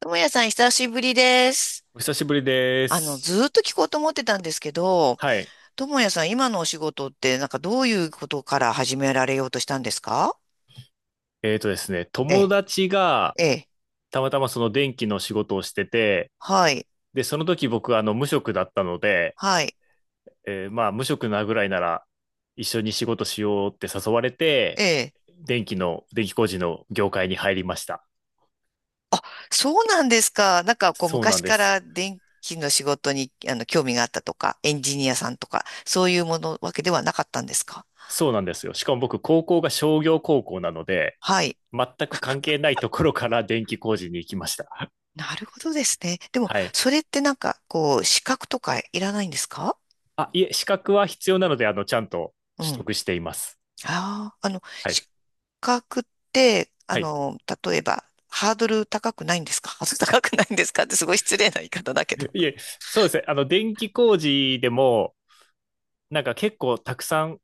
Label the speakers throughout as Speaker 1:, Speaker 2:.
Speaker 1: ともやさん、久しぶりです。
Speaker 2: お久しぶりです。
Speaker 1: ずーっと聞こうと思ってたんですけど、
Speaker 2: はい。
Speaker 1: ともやさん、今のお仕事って、なんかどういうことから始められようとしたんですか？
Speaker 2: えーとですね、
Speaker 1: え
Speaker 2: 友
Speaker 1: え、
Speaker 2: 達が
Speaker 1: ええ、
Speaker 2: たまたまその電気の仕事をしてて、
Speaker 1: はい、
Speaker 2: で、その時僕はあの無職だったので、
Speaker 1: はい、
Speaker 2: まあ無職なぐらいなら一緒に仕事しようって誘われ
Speaker 1: え
Speaker 2: て、
Speaker 1: え。
Speaker 2: 電気工事の業界に入りました。
Speaker 1: あ、そうなんですか。なんか、こう、
Speaker 2: そうな
Speaker 1: 昔
Speaker 2: んで
Speaker 1: か
Speaker 2: す。
Speaker 1: ら電気の仕事に、興味があったとか、エンジニアさんとか、そういうものわけではなかったんですか？
Speaker 2: そうなんですよ。しかも僕、高校が商業高校なので、
Speaker 1: はい。
Speaker 2: 全く関係ないところから電気工事に行きました。
Speaker 1: なるほどですね。でも、
Speaker 2: はい。
Speaker 1: それってなんか、こう、資格とかいらないんですか？
Speaker 2: あ、いえ、資格は必要なので、あの、ちゃんと
Speaker 1: う
Speaker 2: 取
Speaker 1: ん。
Speaker 2: 得しています。
Speaker 1: ああ、
Speaker 2: は
Speaker 1: 資
Speaker 2: い
Speaker 1: 格って、
Speaker 2: はい。
Speaker 1: 例えば、ハードル高くないんですかハードル高くないんですかってすごい失礼な言い方だけど。
Speaker 2: いえ、そうですね。あの、電気工事でも、なんか結構たくさん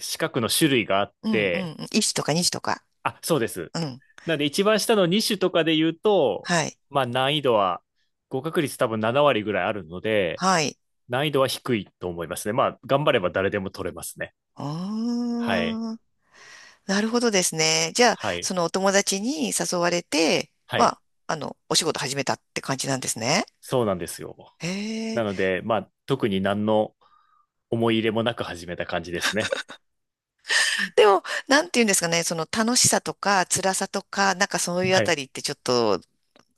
Speaker 2: 四角の種類があっ
Speaker 1: うんうん
Speaker 2: て、
Speaker 1: うん。いちとか2とか。
Speaker 2: あ、そうです。
Speaker 1: うん。
Speaker 2: なんで一番下の2種とかで言うと、
Speaker 1: はい。
Speaker 2: まあ難易度は、合格率多分7割ぐらいあるので、
Speaker 1: はい。
Speaker 2: 難易度は低いと思いますね。まあ、頑張れば誰でも取れますね。
Speaker 1: う
Speaker 2: はい。
Speaker 1: ーん。なるほどですね。じゃあ、
Speaker 2: はい。
Speaker 1: そのお友達に誘われて、
Speaker 2: は
Speaker 1: ま
Speaker 2: い。
Speaker 1: あ、お仕事始めたって感じなんですね。
Speaker 2: そうなんですよ。
Speaker 1: へ
Speaker 2: な
Speaker 1: え。
Speaker 2: ので、まあ、特に何の思い入れもなく始めた感じですね。
Speaker 1: でも、なんて言うんですかね、その楽しさとか辛さとか、なんかそういうあ
Speaker 2: は
Speaker 1: た
Speaker 2: い。
Speaker 1: りってちょっと、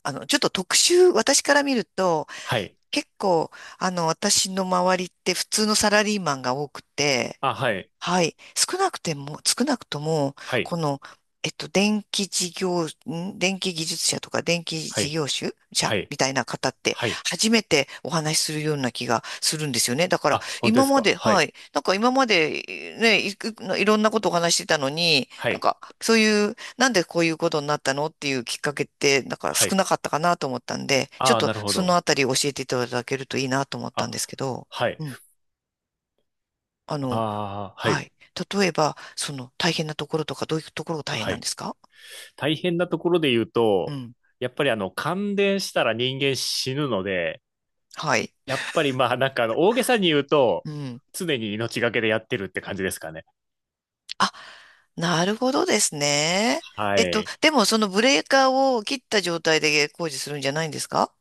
Speaker 1: ちょっと特殊、私から見ると、
Speaker 2: はい。
Speaker 1: 結構、私の周りって普通のサラリーマンが多くて、
Speaker 2: あ、はい。
Speaker 1: はい。少なくとも、
Speaker 2: はい。
Speaker 1: この、電気事業、ん電気技術者とか電気
Speaker 2: は
Speaker 1: 事
Speaker 2: い。
Speaker 1: 業主者
Speaker 2: はい。
Speaker 1: みたいな方って、
Speaker 2: はい。
Speaker 1: 初めてお話しするような気がするんですよね。だから、
Speaker 2: あ、本当で
Speaker 1: 今
Speaker 2: す
Speaker 1: ま
Speaker 2: か。
Speaker 1: で、
Speaker 2: は
Speaker 1: は
Speaker 2: い。
Speaker 1: い。なんか今まで、ね、いろんなことをお話ししてたのに、
Speaker 2: は
Speaker 1: なん
Speaker 2: い。
Speaker 1: か、そういう、なんでこういうことになったのっていうきっかけって、なんか
Speaker 2: は
Speaker 1: 少
Speaker 2: い。
Speaker 1: なかったかなと思ったんで、ちょっ
Speaker 2: ああ、
Speaker 1: と
Speaker 2: なるほ
Speaker 1: その
Speaker 2: ど。
Speaker 1: あたり教えていただけるといいなと思ったん
Speaker 2: あ、
Speaker 1: ですけど、
Speaker 2: はい。
Speaker 1: うん。あの、
Speaker 2: ああ、は
Speaker 1: は
Speaker 2: い。
Speaker 1: い。例えば、その大変なところとか、どういうところが大変
Speaker 2: は
Speaker 1: なん
Speaker 2: い。
Speaker 1: ですか？
Speaker 2: 大変なところで言う
Speaker 1: う
Speaker 2: と、
Speaker 1: ん。
Speaker 2: やっぱりあの、感電したら人間死ぬので、
Speaker 1: はい。
Speaker 2: やっぱりまあ、大げさに言うと、
Speaker 1: うん。
Speaker 2: 常に命がけでやってるって感じですかね。
Speaker 1: あ、なるほどですね。
Speaker 2: はい。
Speaker 1: でもそのブレーカーを切った状態で工事するんじゃないんですか？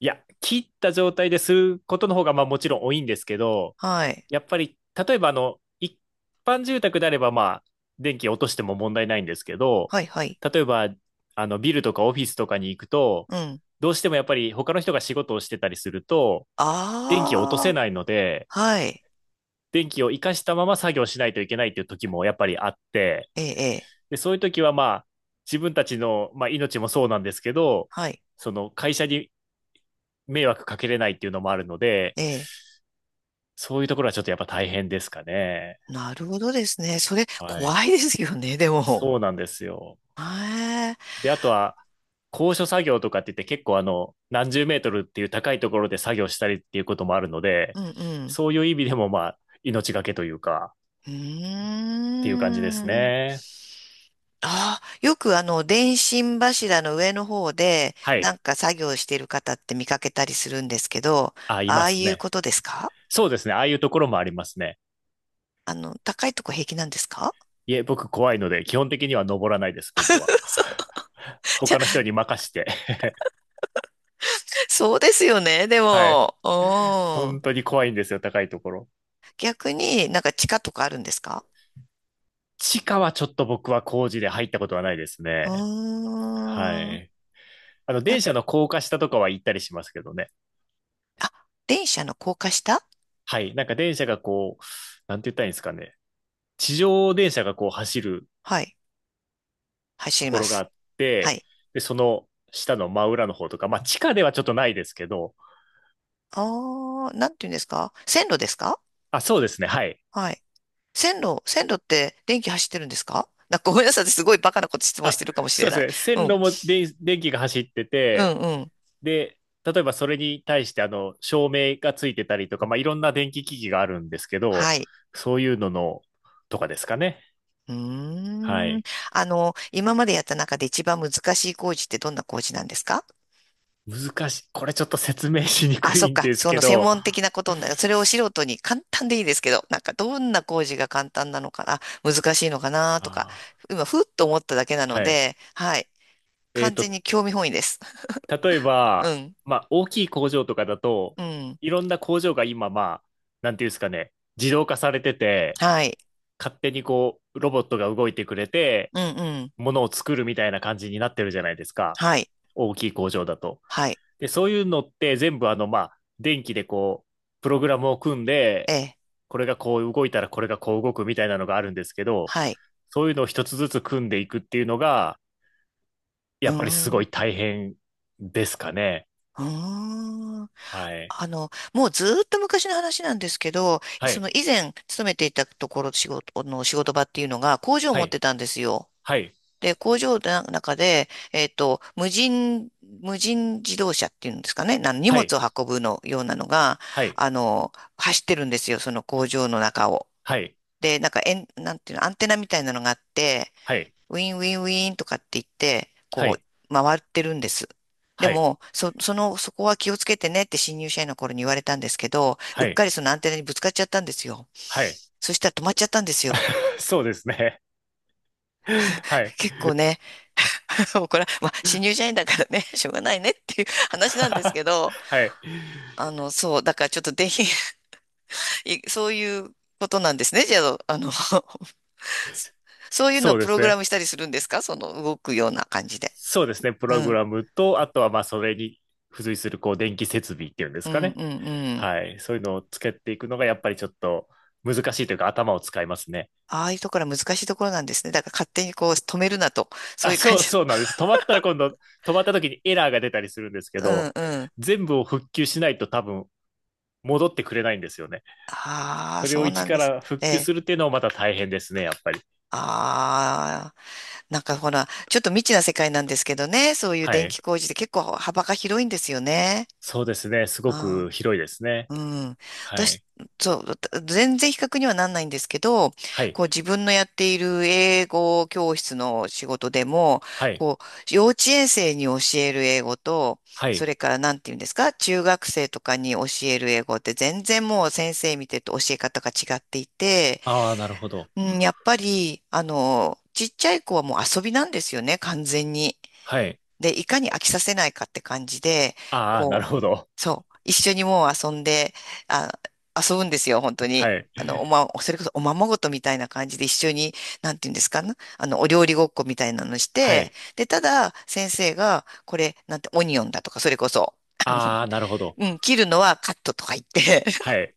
Speaker 2: いや、切った状態ですることの方が、まあもちろん多いんですけど、
Speaker 1: はい。
Speaker 2: やっぱり、例えばあの、一般住宅であれば、まあ、電気落としても問題ないんですけど、
Speaker 1: はい、はい。
Speaker 2: 例えば、あの、ビルとかオフィスとかに行くと、
Speaker 1: うん。
Speaker 2: どうしてもやっぱり他の人が仕事をしてたりすると、電気を落とせ
Speaker 1: ああ、
Speaker 2: ないので、
Speaker 1: はい。
Speaker 2: 電気を活かしたまま作業しないといけないっていう時もやっぱりあって、
Speaker 1: ええ、ええ。
Speaker 2: で、そういう時はまあ、自分たちの、まあ、命もそうなんですけど、
Speaker 1: はい。
Speaker 2: その会社に迷惑かけれないっていうのもあるので、
Speaker 1: ええ。
Speaker 2: そういうところはちょっとやっぱ大変ですかね。
Speaker 1: なるほどですね。それ、
Speaker 2: はい。
Speaker 1: 怖いですよね、でも。
Speaker 2: そうなんですよ。
Speaker 1: へえ。
Speaker 2: で、あとは、高所作業とかって言って結構あの、何十メートルっていう高いところで作業したりっていうこともあるので、
Speaker 1: うん、うん。
Speaker 2: そういう意味でもまあ、命がけというか、
Speaker 1: う
Speaker 2: っていう感じです
Speaker 1: ーん。
Speaker 2: ね。
Speaker 1: ああ、よくあの、電信柱の上の方で、
Speaker 2: は
Speaker 1: な
Speaker 2: い。
Speaker 1: んか作業している方って見かけたりするんですけど、
Speaker 2: あ、い
Speaker 1: あ
Speaker 2: ま
Speaker 1: あ
Speaker 2: す
Speaker 1: いう
Speaker 2: ね。
Speaker 1: ことですか？
Speaker 2: そうですね。ああいうところもありますね。
Speaker 1: 高いとこ平気なんですか？
Speaker 2: いえ、僕怖いので、基本的には登らないです、僕は。
Speaker 1: そう、じゃ、
Speaker 2: 他の人に任して。
Speaker 1: そうですよね、で
Speaker 2: はい。
Speaker 1: も。うん。
Speaker 2: 本当に怖いんですよ、高いところ。
Speaker 1: 逆になんか地下とかあるんですか？
Speaker 2: 地下はちょっと僕は工事で入ったことはないです
Speaker 1: う
Speaker 2: ね。は
Speaker 1: ーん。
Speaker 2: い。あの、
Speaker 1: やっ、
Speaker 2: 電車の高架下とかは行ったりしますけどね。
Speaker 1: あ、電車の高架下。
Speaker 2: はい。なんか電車がこう、なんて言ったらいいんですかね。地上電車がこう走る
Speaker 1: はい。走
Speaker 2: と
Speaker 1: り
Speaker 2: こ
Speaker 1: ま
Speaker 2: ろがあ
Speaker 1: す。
Speaker 2: っ
Speaker 1: は
Speaker 2: て、
Speaker 1: い。
Speaker 2: で、その下の真裏の方とか、まあ地下ではちょっとないですけど、
Speaker 1: ああ、なんていうんですか線路ですか？
Speaker 2: あ、そうですね。はい。
Speaker 1: はい。線路って電気走ってるんですか？なんかごめんなさい。私すごいバカなこと質問し
Speaker 2: あ、
Speaker 1: てるかもし
Speaker 2: そ
Speaker 1: れ
Speaker 2: うで
Speaker 1: ない。
Speaker 2: すね。
Speaker 1: う
Speaker 2: 線
Speaker 1: ん。
Speaker 2: 路も電、電気が走って
Speaker 1: うん、
Speaker 2: て、
Speaker 1: うん。
Speaker 2: で、例えばそれに対してあの、照明がついてたりとか、まあいろんな電気機器があるんですけど、
Speaker 1: はい。
Speaker 2: そういうのの、とかですかね。
Speaker 1: う
Speaker 2: は
Speaker 1: ーん。
Speaker 2: い。
Speaker 1: 今までやった中で一番難しい工事ってどんな工事なんですか？
Speaker 2: 難しい。これちょっと説明しに
Speaker 1: あ、
Speaker 2: く
Speaker 1: そっ
Speaker 2: いん
Speaker 1: か。
Speaker 2: です
Speaker 1: その
Speaker 2: け
Speaker 1: 専
Speaker 2: ど、
Speaker 1: 門的なことになる。それを 素人に簡単でいいですけど、なんかどんな工事が簡単なのかな、難しいのかなとか、
Speaker 2: あ
Speaker 1: 今、ふっと思っただけな
Speaker 2: ー
Speaker 1: の
Speaker 2: はい。
Speaker 1: で、はい。
Speaker 2: えっ
Speaker 1: 完全
Speaker 2: と、
Speaker 1: に興味本位です。
Speaker 2: 例え
Speaker 1: う
Speaker 2: ば、
Speaker 1: ん。
Speaker 2: まあ、大きい工場とかだと、
Speaker 1: うん。
Speaker 2: いろんな工場が今、まあ、なんていうんですかね、自動化されてて、
Speaker 1: はい。
Speaker 2: 勝手にこう、ロボットが動いてくれて、
Speaker 1: うんうん。
Speaker 2: ものを作るみたいな感じになってるじゃないですか。
Speaker 1: はい。
Speaker 2: 大きい工場だと。
Speaker 1: はい。
Speaker 2: で、そういうのって全部、あの、まあ、電気でこう、プログラムを組んで、
Speaker 1: ええ。
Speaker 2: これがこう動いたらこれがこう動くみたいなのがあるんですけど、
Speaker 1: はい。
Speaker 2: そういうのを一つずつ組んでいくっていうのが、
Speaker 1: うー
Speaker 2: やっぱりす
Speaker 1: ん、
Speaker 2: ごい
Speaker 1: う
Speaker 2: 大変ですかね。
Speaker 1: ーん。
Speaker 2: はい。
Speaker 1: もうずーっと昔の話なんですけど、
Speaker 2: は
Speaker 1: その以
Speaker 2: い。
Speaker 1: 前勤めていたところ、仕事の仕事場っていうのが工場を
Speaker 2: は
Speaker 1: 持っ
Speaker 2: い。
Speaker 1: てたんですよ。
Speaker 2: はい。
Speaker 1: で、工場の中で、無人自動車っていうんですかね、な荷
Speaker 2: は
Speaker 1: 物
Speaker 2: い。
Speaker 1: を運ぶのようなのが、
Speaker 2: はい。
Speaker 1: 走ってるんですよ、その工場の中を。
Speaker 2: はい。
Speaker 1: で、なんか、えん、なんていうの、アンテナみたいなのがあって、
Speaker 2: はい。
Speaker 1: ウィンウィンウィンとかって言って、
Speaker 2: は
Speaker 1: こ
Speaker 2: い。
Speaker 1: う、回ってるんです。で
Speaker 2: はい。
Speaker 1: も、そこは気をつけてねって新入社員の頃に言われたんですけど、うっ
Speaker 2: は
Speaker 1: か
Speaker 2: い。
Speaker 1: りそのアンテナにぶつかっちゃったんですよ。
Speaker 2: はい。
Speaker 1: そしたら止まっちゃったんですよ。
Speaker 2: そうですね。はい。
Speaker 1: 結構ね、もうこれは、まあ、新入社員だからね、しょうがないねっていう 話なんです けど、
Speaker 2: はい。
Speaker 1: そう、だからちょっとぜひ、そういうことなんですね。じゃあ、そういうのを
Speaker 2: そうで
Speaker 1: プロ
Speaker 2: す
Speaker 1: グラ
Speaker 2: ね。
Speaker 1: ムしたりするんですかその動くような感じで。
Speaker 2: そうですね。プ
Speaker 1: う
Speaker 2: ログ
Speaker 1: ん、
Speaker 2: ラムと、あとはまあそれに付随するこう電気設備っていうんで
Speaker 1: う
Speaker 2: すか
Speaker 1: ん、
Speaker 2: ね。
Speaker 1: うん、うん。
Speaker 2: はい。そういうのをつけていくのがやっぱりちょっと難しいというか頭を使いますね。
Speaker 1: ああいうところは難しいところなんですね。だから勝手にこう止めるなと。そういう感じ。
Speaker 2: そうなんです。止まったら今度、止まった時にエラーが出たりするんですけ
Speaker 1: うん
Speaker 2: ど、
Speaker 1: うん。
Speaker 2: 全部を復旧しないと多分戻ってくれないんですよね。
Speaker 1: ああ、
Speaker 2: それ
Speaker 1: そ
Speaker 2: を
Speaker 1: うな
Speaker 2: 一
Speaker 1: ん
Speaker 2: か
Speaker 1: です。
Speaker 2: ら復
Speaker 1: え
Speaker 2: 旧
Speaker 1: え。
Speaker 2: するっていうのもまた大変ですね、やっぱり。
Speaker 1: ああ、なんかほら、ちょっと未知な世界なんですけどね。そういう
Speaker 2: は
Speaker 1: 電気
Speaker 2: い。
Speaker 1: 工事って結構幅が広いんですよね。
Speaker 2: そうですね。すご
Speaker 1: あ
Speaker 2: く広いですね。
Speaker 1: あ。うん。
Speaker 2: は
Speaker 1: 私、
Speaker 2: い。
Speaker 1: そう、全然比較にはなんないんですけど、
Speaker 2: は
Speaker 1: こう
Speaker 2: い。
Speaker 1: 自分のやっている英語教室の仕事でも、
Speaker 2: はい。
Speaker 1: こう幼稚園生に教える英語と、
Speaker 2: は
Speaker 1: そ
Speaker 2: い。
Speaker 1: れからなんて言うんですか、中学生とかに教える英語って全然もう先生見てると教え方が違っていて、
Speaker 2: ああ、なるほど。
Speaker 1: うん、やっぱり、ちっちゃい子はもう遊びなんですよね、完全に。
Speaker 2: はい。
Speaker 1: で、いかに飽きさせないかって感じで、
Speaker 2: ああ、なるほど。
Speaker 1: そう。一緒にもう遊んで、あ、遊ぶんですよ、本当
Speaker 2: は
Speaker 1: に。
Speaker 2: い。
Speaker 1: それこそおままごとみたいな感じで一緒に、なんていうんですかね。お料理ごっこみたいなのし
Speaker 2: は
Speaker 1: て、
Speaker 2: い。
Speaker 1: で、ただ、先生が、これ、なんて、オニオンだとか、それこそ、あの、
Speaker 2: ああ、なるほど。
Speaker 1: うん、切るのはカットとか言って、
Speaker 2: はい。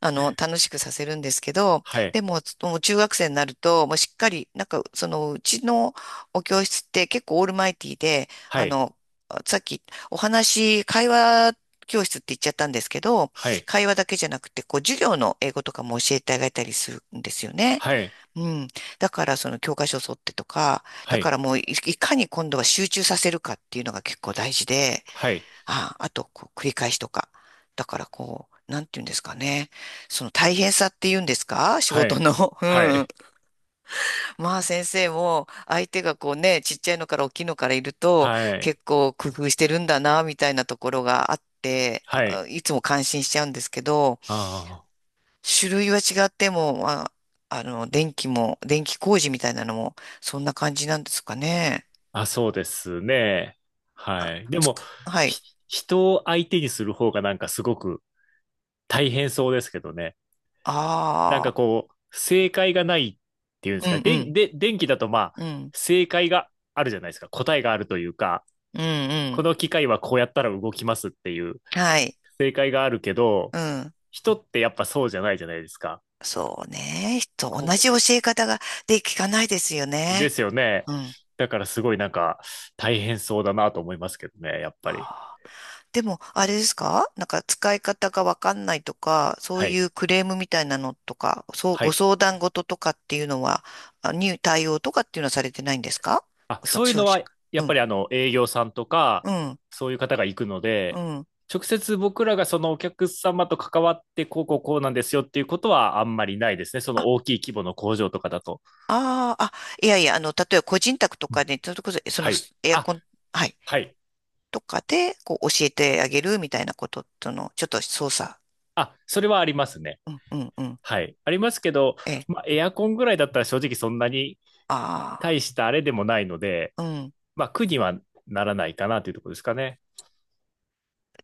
Speaker 1: 楽しくさせるんですけど、
Speaker 2: はい。
Speaker 1: でも、もう中学生になると、もうしっかり、なんか、その、うちのお教室って結構オールマイティーで、
Speaker 2: はい。
Speaker 1: さっき会話教室って言っちゃったんですけど、
Speaker 2: はい。
Speaker 1: 会話だけじゃなくて、こう、授業の英語とかも教えてあげたりするんですよね。
Speaker 2: はい。
Speaker 1: うん。だから、その教科書を沿ってとか、だ
Speaker 2: は
Speaker 1: か
Speaker 2: い。
Speaker 1: らもういかに今度は集中させるかっていうのが結構大事で、
Speaker 2: はい。
Speaker 1: あ、あと、こう、繰り返しとか。だから、こう、なんて言うんですかね。その大変さって言うんですか？ 仕
Speaker 2: は
Speaker 1: 事
Speaker 2: い。
Speaker 1: の。う
Speaker 2: は
Speaker 1: ん。
Speaker 2: い。
Speaker 1: まあ、先生も、相手がこうね、ちっちゃいのから大きいのからいると、
Speaker 2: はい。
Speaker 1: 結構工夫してるんだな、みたいなところがあって、
Speaker 2: はい。
Speaker 1: あいつも感心しちゃうんですけど、
Speaker 2: ああ。
Speaker 1: 種類は違っても、まあ、電気も、電気工事みたいなのも、そんな感じなんですかね。
Speaker 2: あ、そうですね。はい。で
Speaker 1: つ
Speaker 2: も、
Speaker 1: くはい。
Speaker 2: ひ、人を相手にする方がなんかすごく大変そうですけどね。なんか
Speaker 1: ああ、
Speaker 2: こう、正解がないっていうんで
Speaker 1: う
Speaker 2: すか。
Speaker 1: んう
Speaker 2: で、
Speaker 1: ん、
Speaker 2: で、電気だとまあ、
Speaker 1: うん、
Speaker 2: 正解があるじゃないですか。答えがあるというか、
Speaker 1: うんう
Speaker 2: こ
Speaker 1: ん。
Speaker 2: の機械はこうやったら動きますっていう
Speaker 1: はい。
Speaker 2: 正解があるけど、
Speaker 1: うん。
Speaker 2: 人ってやっぱそうじゃないじゃないですか。
Speaker 1: そうね。と同じ
Speaker 2: こ、
Speaker 1: 教え方がで聞かないですよ
Speaker 2: で
Speaker 1: ね。
Speaker 2: すよね。
Speaker 1: うん。
Speaker 2: だからすごいなんか大変そうだなと思いますけどね、やっぱり。
Speaker 1: あー。でも、あれですかなんか使い方がわかんないとか、そう
Speaker 2: は
Speaker 1: い
Speaker 2: い。
Speaker 1: うクレームみたいなのとか、そう、
Speaker 2: は
Speaker 1: ご
Speaker 2: い。
Speaker 1: 相談事とかっていうのは、あに対応とかっていうのはされてないんですか？
Speaker 2: あ、そういう
Speaker 1: 消
Speaker 2: の
Speaker 1: 費者
Speaker 2: は、
Speaker 1: が。
Speaker 2: やっ
Speaker 1: う
Speaker 2: ぱ
Speaker 1: ん。
Speaker 2: りあの、営業さんとか、
Speaker 1: うん。
Speaker 2: そういう方が行くの
Speaker 1: う
Speaker 2: で、
Speaker 1: ん。
Speaker 2: 直接僕らがそのお客様と関わって、こうこうこうなんですよっていうことはあんまりないですね。その
Speaker 1: あ、
Speaker 2: 大きい規模の工場とかだと。
Speaker 1: あーあ、いやいや、例えば個人宅と
Speaker 2: うん
Speaker 1: かで、それこそ、そ
Speaker 2: は
Speaker 1: の
Speaker 2: い。
Speaker 1: エアコ
Speaker 2: あ、
Speaker 1: ン、はい、
Speaker 2: はい。
Speaker 1: とかで、こう、教えてあげるみたいなこととの、ちょっと操作。
Speaker 2: あ、それはありますね。
Speaker 1: うん、うん、うん。
Speaker 2: はい。ありますけど、
Speaker 1: え、
Speaker 2: まあ、エアコンぐらいだったら正直そんなに
Speaker 1: あ
Speaker 2: 大したあれでもないので、
Speaker 1: あ、うん。
Speaker 2: まあ、苦にはならないかなというところですかね。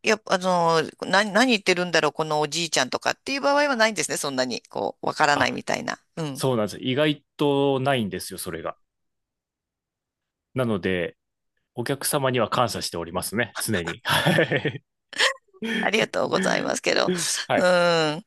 Speaker 1: いや、何言ってるんだろう、このおじいちゃんとかっていう場合はないんですね。そんなに、こう、わからないみ
Speaker 2: あ、
Speaker 1: たいな。うん。
Speaker 2: そうなんです。意外とないんですよ、それが。なので、お客様には感謝しておりますね、常に。はい。
Speaker 1: ありがとうございますけど。
Speaker 2: は
Speaker 1: う
Speaker 2: い。
Speaker 1: ん。